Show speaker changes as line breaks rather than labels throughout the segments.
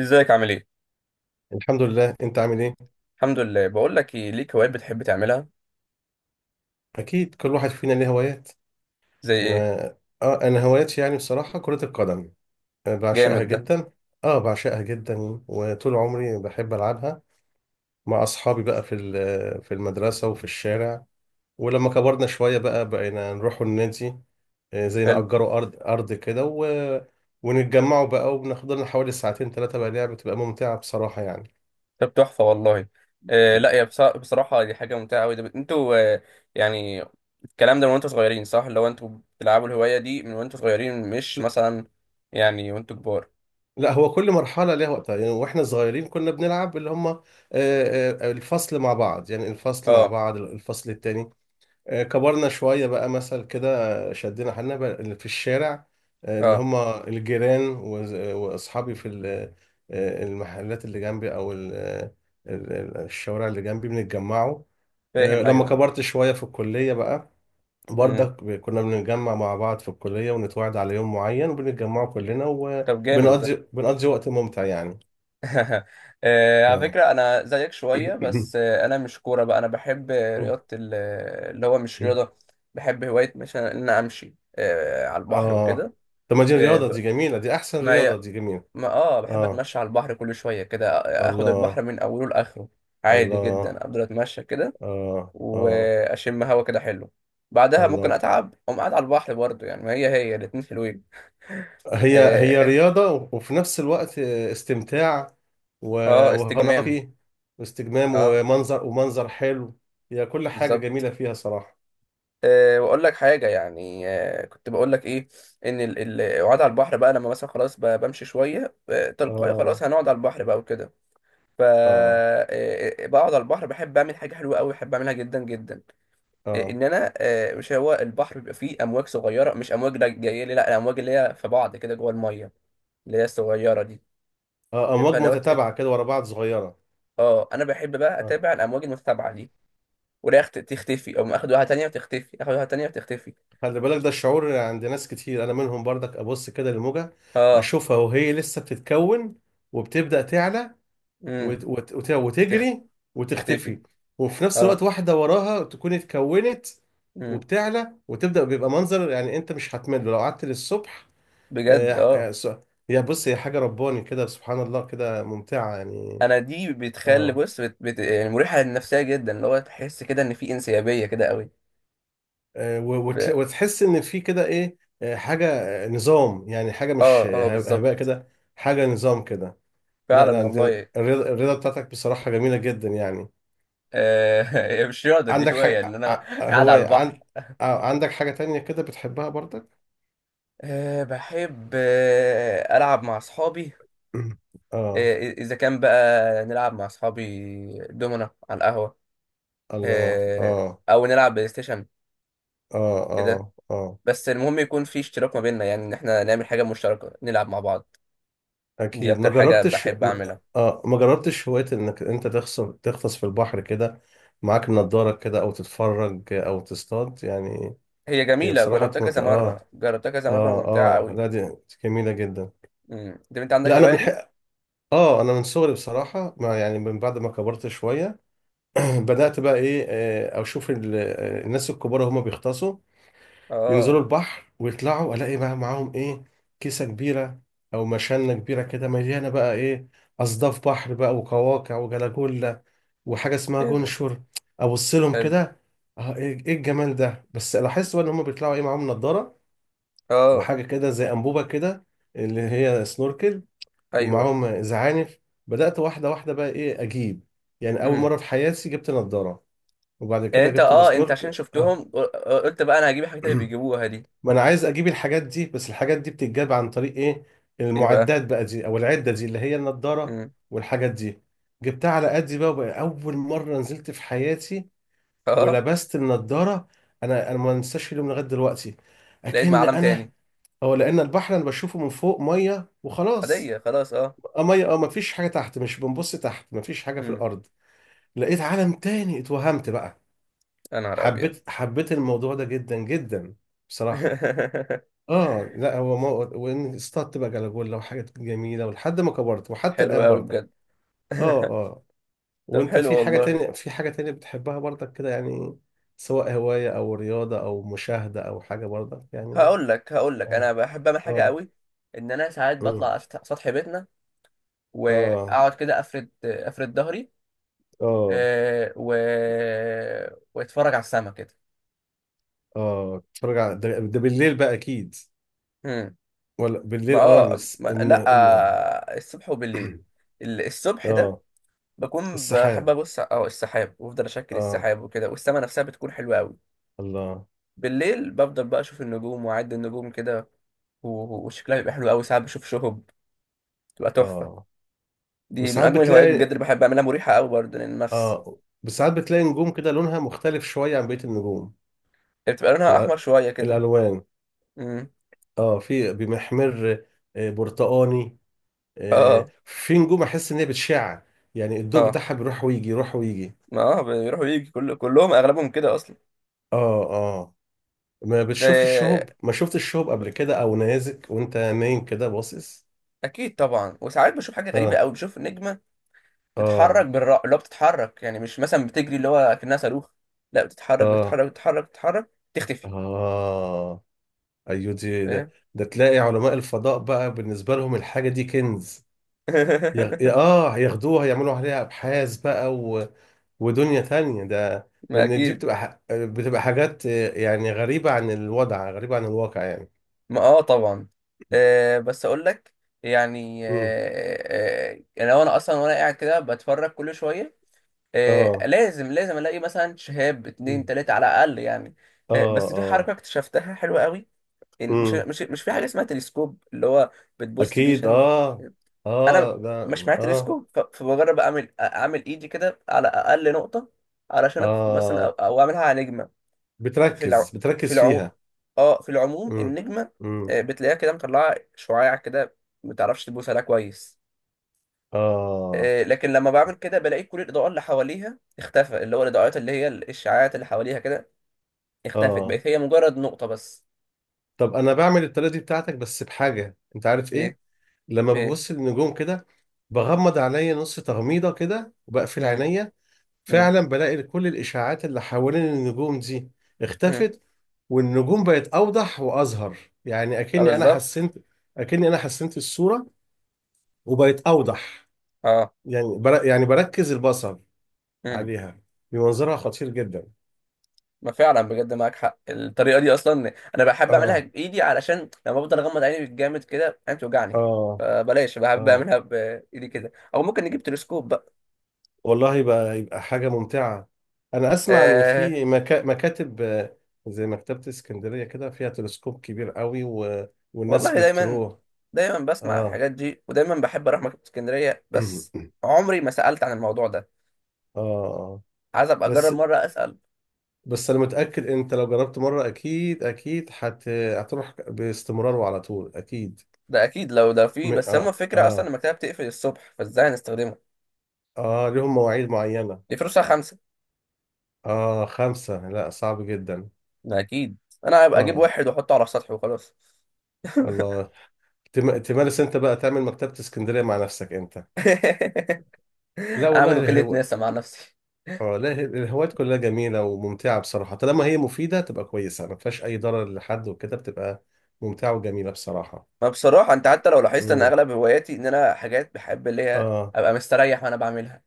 ازيك عامل ايه؟
الحمد لله، انت عامل ايه؟
الحمد لله. بقول لك ايه، ليك هوايات بتحب تعملها؟
اكيد كل واحد فينا ليه هوايات.
زي ايه؟
انا اه انا هواياتي، بصراحه كره القدم. بعشقها
جامد ده.
جدا. اه بعشقها جدا وطول عمري بحب العبها مع اصحابي بقى في المدرسه وفي الشارع. ولما كبرنا شويه بقى بقينا نروحوا النادي. زي
حلو.
نأجروا ارض كده و... ونتجمعوا بقى، وبناخد لنا حوالي ساعتين ثلاثه بقى، لعبه بتبقى ممتعه بصراحه يعني.
طب تحفة والله. آه، لا، بصراحة دي حاجة ممتعة قوي. انتوا يعني الكلام ده من وانتوا صغيرين، صح؟ لو انتوا بتلعبوا الهواية دي من وانتوا صغيرين، مش مثلا يعني وانتوا كبار.
لا، هو كل مرحلة ليها وقتها، يعني واحنا صغيرين كنا بنلعب اللي هم آه، آه، الفصل مع بعض، يعني الفصل مع
اه،
بعض، الفصل التاني. كبرنا شوية بقى مثل كده. شدينا حالنا بقى اللي في الشارع. آه، اللي
اه.
هم الجيران وأصحابي في المحلات اللي جنبي، أو الشوارع اللي جنبي بنتجمعوا.
فاهم.
لما
ايوه.
كبرت شوية في الكلية بقى،
امم.
برضك كنا بنتجمع مع بعض في الكلية، ونتواعد على يوم معين، وبنتجمعوا كلنا،
طب جامد ده.
بنقضي وقت ممتع يعني.
على
اه.
فكرة أنا زيك شوية، بس أنا مش كورة بقى. أنا بحب رياضة اللي هو مش رياضة. بحب هواية مثلا إن أنا أمشي على البحر
اه،
وكده.
طب ما دي
آه،
رياضة،
ب-
دي جميلة، دي أحسن
ما هي.
رياضة، دي جميلة.
ما بحب
اه،
أتمشى على البحر كل شوية كده. آخد البحر
الله،
من أوله لآخره. عادي جدا،
الله،
أفضل أتمشى كده
اه، اه،
وأشم هوا كده حلو. بعدها ممكن
الله.
أتعب، أقوم قاعد على البحر برضه. يعني ما هي هي الاتنين حلوين.
هي
آه،
هي
آه.
رياضة وفي نفس الوقت استمتاع. و-
استجمام.
وهنقي واستجمام
آه.
ومنظر ومنظر حلو. هي كل حاجة
بالظبط.
جميلة فيها صراحة.
واقول لك حاجه. يعني كنت بقول لك ايه، ان القعاد على البحر بقى، لما مثلا خلاص بمشي شويه تلقائي، خلاص
اه،
هنقعد على البحر بقى وكده. ف
اه،
أه آه، بقعد على البحر، بحب اعمل حاجه حلوه قوي، بحب اعملها جدا جدا.
اه،
ان انا مش هو البحر بيبقى فيه امواج صغيره، مش امواج لا جايه لي، لا الامواج اللي هي في بعض كده جوه الميه. اللي هي الصغيره دي.
اه، امواج
عارفها لو
متتابعه كده ورا بعض صغيره.
اه، انا بحب بقى
اه،
اتابع الامواج المتتابعه دي، ولا تختفي او اخد واحده تانية وتختفي، اخد واحده تانية وتختفي.
خلي بالك، ده الشعور عند ناس كتير، انا منهم برضك، ابص كده للموجه،
اه.
اشوفها وهي لسه بتتكون وبتبدا تعلى
امم.
وتجري
تختفي.
وتختفي، وفي نفس
اه.
الوقت واحده وراها تكون اتكونت
مم.
وبتعلى وتبدا، بيبقى منظر، يعني انت مش هتمل لو قعدت للصبح. آه...
بجد، اه.
آه... س- يا بص، هي حاجه رباني كده، سبحان الله، كده ممتعه يعني.
انا دي بتخلي
اه
بص يعني مريحه للنفسيه جدا، اللي هو تحس كده ان في انسيابيه كده قوي. ب...
وتحس ان في كده ايه، حاجه، نظام، يعني حاجه
اه،
مش
اه،
هباء
بالظبط.
كده. حاجه نظام كده. لا،
فعلا
لا، انت
والله.
الرياضة بتاعتك بصراحه جميله جدا يعني.
هي مش رياضه، دي
عندك
هوايه ان
حاجه
انا
ع-
قاعد
هو
على البحر.
عن... عندك حاجه تانية كده بتحبها برضك؟
بحب ألعب مع أصحابي.
اه،
إذا كان بقى نلعب مع أصحابي، دومنا على القهوة.
الله،
أه.
اه،
أو نلعب بلاي ستيشن
اه،
كده.
اه، اه،
بس المهم يكون في اشتراك ما بيننا، يعني إن إحنا نعمل حاجة مشتركة نلعب مع بعض. دي
اكيد. ما
اكتر حاجة
جربتش
بحب
م-
اعملها.
اه ما جربتش هوايه انك انت تغطس في البحر كده، معاك نضارة كده، او تتفرج، او تصطاد يعني؟
هي
هي
جميلة،
بصراحه
جربتها
مت...
كذا
اه
مرة، جربتها كذا مرة،
اه،
وممتعة
اه،
قوي.
لا دي جميلة جدا.
امم. طب انت عندك
لا، انا
الهواية دي؟
بنحق. اه انا من صغري بصراحة، ما يعني من بعد ما كبرت شوية، بدأت بقى ايه، اشوف الناس الكبار هما بيغطسوا، ينزلوا
اه،
البحر ويطلعوا، الاقي بقى معاهم ايه، كيسة كبيرة او مشانة كبيرة كده مليانة بقى ايه، اصداف بحر بقى، وقواقع، وجلاجولا، وحاجة اسمها
جامد.
جونشور. ابص لهم
حلو.
كده، ايه، إيه الجمال ده؟ بس لاحظت بقى ان هما بيطلعوا ايه، معاهم نضارة
اه.
وحاجة كده زي أنبوبة كده اللي هي سنوركل،
ايوه.
ومعاهم زعانف. بدأت واحدة واحدة بقى إيه أجيب، يعني أول
امم.
مرة في حياتي جبت نضارة، وبعد
يعني
كده
انت
جبت
اه انت عشان
السنورك.
شفتهم، قلت بقى انا هجيب الحاجات اللي بيجيبوها دي.
ما أنا عايز أجيب الحاجات دي، بس الحاجات دي بتتجاب عن طريق إيه،
ايه بقى؟
المعدات بقى دي، أو العدة دي اللي هي النضارة
امم.
والحاجات دي. جبتها على قدي بقى، وبقى أول مرة نزلت في حياتي
اه،
ولبست النضارة. أنا ما أنساش اليوم لغاية دلوقتي،
لقيت
أكن
معلم
أنا،
تاني.
هو لأن البحر أنا بشوفه من فوق مية وخلاص.
عادية خلاص، اه.
اه مية، مفيش حاجة تحت، مش بنبص تحت، مفيش حاجة في
امم.
الأرض. لقيت عالم تاني، اتوهمت بقى،
يا نهار ابيض!
حبيت الموضوع ده جدا جدا بصراحة. اه لا هو مو... وان اصطدت بقى جلاجولا وحاجات جميلة، ولحد ما كبرت وحتى
حلو
الآن
قوي
برضه.
بجد.
اه، اه.
طب
وانت
حلو
في حاجة
والله.
تانية، في حاجة تانية بتحبها برضك كده يعني؟ سواء هواية، أو رياضة، أو مشاهدة، أو حاجة برضك يعني؟
هقول لك
اه،
انا بحب اعمل حاجة
اه،
قوي. ان انا ساعات بطلع
مم،
على سطح بيتنا،
اه،
واقعد كده افرد افرد ظهري،
اه،
آه، و... واتفرج على السما كده.
اه. بتفرج على ده بالليل بقى اكيد؟
امم.
ولا
ما
بالليل،
ما،
ان
لا. الصبح وبالليل. الصبح ده
اه،
بكون بحب
السحاب،
ابص السحاب، وافضل اشكل
اه،
السحاب وكده، والسما نفسها بتكون حلوه قوي.
الله،
بالليل بفضل بقى اشوف النجوم، واعد النجوم كده، وشكلها بيبقى حلو قوي. ساعات بشوف شهب، بتبقى تحفه.
اه،
دي من
وساعات
اجمل الهوايات بجد
بتلاقي
اللي بحب اعملها، مريحه قوي برضه للنفس.
اه وساعات بتلاقي نجوم كده لونها مختلف شوية عن بقية النجوم.
هي بتبقى لونها احمر
الأ-
شويه كده.
الألوان،
امم.
اه، في بمحمر، برتقاني،
اه،
في نجوم أحس إن هي بتشع، يعني الضوء
اه،
بتاعها بيروح ويجي، يروح ويجي.
اه، بيروح ويجي، كلهم اغلبهم كده اصلا.
اه، اه. ما بتشوفش
آه،
الشهب؟ ما شفتش الشهب
ب-
قبل كده، أو نيازك وأنت نايم كده باصص؟
اكيد طبعا. وساعات بشوف حاجه غريبه
اه،
قوي، بشوف نجمه تتحرك
اه،
اللي هو بتتحرك، يعني مش مثلا بتجري اللي هو كأنها صاروخ. لا، بتتحرك
اه،
بتتحرك بتتحرك بتتحرك، تختفي.
اه، ايوه دي،
فاهم.
ده تلاقي علماء الفضاء بقى بالنسبه لهم الحاجه دي كنز، يغ... اه ياخدوها يعملوا عليها ابحاث بقى، و... ودنيا تانية. ده
ما
لان دي
اكيد.
بتبقى حاجات، يعني غريبه عن الوضع، غريبه عن الواقع يعني.
ما طبعا. بس اقول لك، يعني
مم.
يعني لو انا اصلا وانا قاعد كده بتفرج كل شويه،
اه.
لازم لازم الاقي مثلا شهاب اتنين
مم.
تلاته على الاقل، يعني.
اه،
بس في
اه.
حركه اكتشفتها حلوه قوي. يعني مش
مم.
مش مش في حاجه اسمها تلسكوب، اللي هو بتبوست بيه
اكيد،
عشان
اه،
انا
اه، ده،
مش معايا
اه،
تلسكوب. فبجرب اعمل ايدي كده على اقل نقطه، علشان مثلا، أو,
اه،
او اعملها على نجمه. في الع... في
بتركز
العموم.
فيها.
اه، في العموم
مم.
النجمه
مم.
بتلاقيها كده مطلعه شعاع كده، ما تعرفش تبوس عليها كويس.
اه،
لكن لما بعمل كده بلاقي كل الاضاءه اللي حواليها اختفى، اللي هو الاضاءات اللي هي الاشعاعات اللي حواليها كده، اختفت،
اه،
بقت هي مجرد نقطه بس.
طب انا بعمل الطريقه دي بتاعتك، بس بحاجه، انت عارف ايه؟
ايه؟
لما
ايه؟
ببص للنجوم كده، بغمض عينيا نص تغميضه كده، وبقفل
امم.
عينيا،
امم.
فعلا بلاقي كل الاشاعات اللي حوالين النجوم دي
امم.
اختفت، والنجوم بقت اوضح واظهر، يعني اكني انا
بالظبط.
حسنت، اكني انا حسنت الصوره وبقت اوضح،
اه.
يعني يعني بركز البصر
امم.
عليها، بمنظرها خطير جدا.
ما فعلا، بجد معاك حق. الطريقه دي اصلا انا بحب اعملها
اه،
بايدي، علشان لما بفضل اغمض عيني بالجامد كده عيني بتوجعني،
اه،
فبلاش. بحب
اه،
اعملها بايدي كده، او ممكن نجيب تلسكوب بقى.
والله يبقى، حاجة ممتعة. أنا أسمع إن
آه
في مكاتب، زي مكتبة اسكندرية كده فيها تلسكوب كبير قوي و... والناس
والله دايما.
بتروح.
دايما بسمع
آه
الحاجات دي، ودايما بحب اروح مكتبه اسكندريه، بس
آه
عمري ما سالت عن الموضوع ده.
آه.
عايز ابقى اجرب
بس
مره اسال.
بس أنا متأكد أنت لو جربت مرة أكيد أكيد هتروح باستمرار وعلى طول أكيد.
ده اكيد لو ده فيه،
م...
بس هما
آه
فكره اصلا
آه
المكتبه بتقفل الصبح، فازاي هنستخدمها؟
آه لهم مواعيد معينة.
دي فلوسها خمسه.
خمسة؟ لا صعب جدا.
ده اكيد. انا هبقى اجيب
آه
واحد واحطه على السطح وخلاص.
الله. تمارس أنت بقى تعمل مكتبة اسكندرية مع نفسك أنت؟ لا
اعمل
والله.
وكالة ناسا مع نفسي.
اه، لا الهوايات كلها جميلة وممتعة بصراحة، طالما هي مفيدة تبقى كويسة، ما فيهاش أي ضرر لحد، وكده بتبقى ممتعة وجميلة بصراحة.
ما بصراحة انت حتى لو لاحظت ان
امم،
اغلب هواياتي، ان انا حاجات بحب اللي هي
اه،
ابقى مستريح وانا بعملها.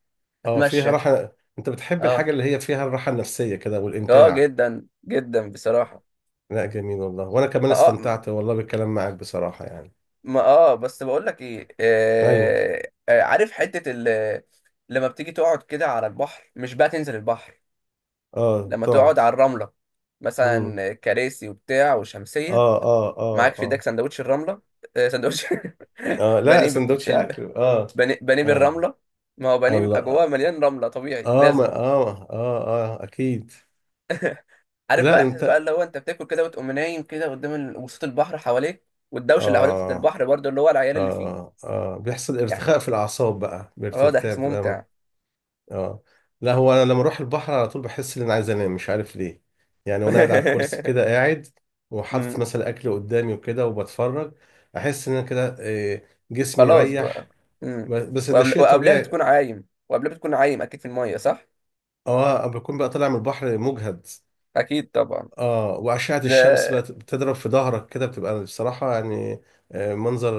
اه، فيها
اتمشى.
راحة. أنت بتحب
اه،
الحاجة اللي هي فيها الراحة النفسية كده
اه،
والإمتاع.
جدا جدا بصراحة.
لا جميل والله، وأنا كمان
ما اه
استمتعت والله بالكلام معاك بصراحة يعني.
ما بس بقول لك ايه.
أيوه.
عارف حتة لما بتيجي تقعد كده على البحر، مش بقى تنزل البحر.
اه،
لما تقعد
تقعد.
على الرملة،
امم،
مثلا كراسي وبتاع وشمسية،
اه، اه، اه،
معاك في ايدك
اه،
سندوتش الرملة. سندوتش.
اه، لا
بانيه.
سندوتش أكل، اه.
بانيه، بانيه
اه،
بالرمله. ما هو بانيه بيبقى
الله،
جواه مليان رمله، طبيعي
اه، ما
لازم.
اه، اه، اه، أكيد.
عارف
لا،
بقى احساس بقى،
أنت،
اللي هو انت بتاكل كده وتقوم نايم كده قدام وصوت البحر حواليك، والدوشه اللي حواليك بتاعت
اه،
البحر برضه اللي هو العيال اللي فيه،
اه، اه، بيحصل
يعني.
ارتخاء في الاعصاب بقى،
اه، ده
بترتاح،
احساس ممتع.
اه، لا هو انا لما اروح البحر على طول بحس ان انا عايز انام، مش عارف ليه، يعني وانا قاعد على الكرسي كده قاعد، وحاطط
مم.
مثلا اكل قدامي وكده وبتفرج، احس ان انا كده إيه، جسمي
خلاص بقى.
ريح.
مم.
بس ده شيء
وقبلها
طبيعي.
بتكون عايم، وقبلها بتكون عايم، اكيد في الميه، صح؟
اه، بكون بقى طالع من البحر مجهد.
اكيد طبعا.
اه، واشعه
ده.
الشمس بقى بتضرب في ظهرك كده، بتبقى بصراحه يعني منظر،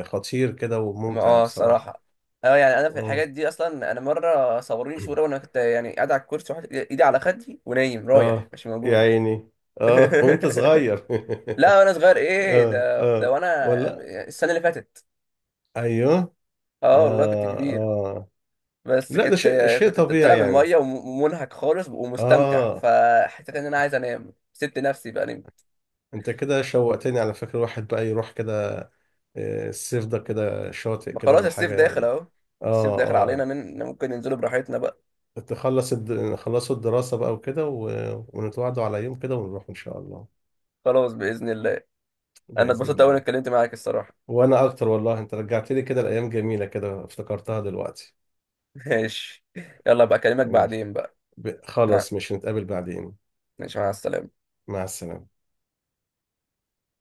خطير كده
ما
وممتع بصراحه.
الصراحه. اه، يعني انا في
اه،
الحاجات دي، اصلا انا مره صوروني صوره، وانا كنت يعني قاعد على الكرسي، واحد ايدي على خدي ونايم، رايح
اه،
مش
يا
موجود.
عيني، اه، وانت صغير
لا، وانا صغير ايه،
اه،
ده
اه،
وانا
ولا،
السنه اللي فاتت.
ايوه،
اه والله، كنت
اه،
كبير.
اه،
بس
لا ده
كنت
شيء
كنت طالع
طبيعي
من
يعني.
الميه، ومنهك خالص ومستمتع،
اه،
فحسيت ان انا عايز انام، سبت نفسي بقى نمت.
انت كده شوقتني على فكرة، واحد بقى يروح كده، الصيف ده كده شاطئ
ما
كده
خلاص،
ولا
الصيف
حاجة
داخل
يعني.
اهو. الصيف
اه،
داخل علينا،
اه،
ممكن ننزله براحتنا بقى.
خلصوا الدراسة بقى وكده و... ونتوعدوا على يوم كده ونروح ان شاء الله.
خلاص باذن الله. انا
بإذن
اتبسطت قوي اني
الله.
اتكلمت معاك، الصراحه.
وانا اكتر والله، انت رجعت لي كده الايام جميلة، كده افتكرتها دلوقتي.
ماشي. يلا بقى، اكلمك
تمام.
بعدين بقى. مع-
خلاص، مش نتقابل بعدين.
ماشي، مع السلامه.
مع السلامة.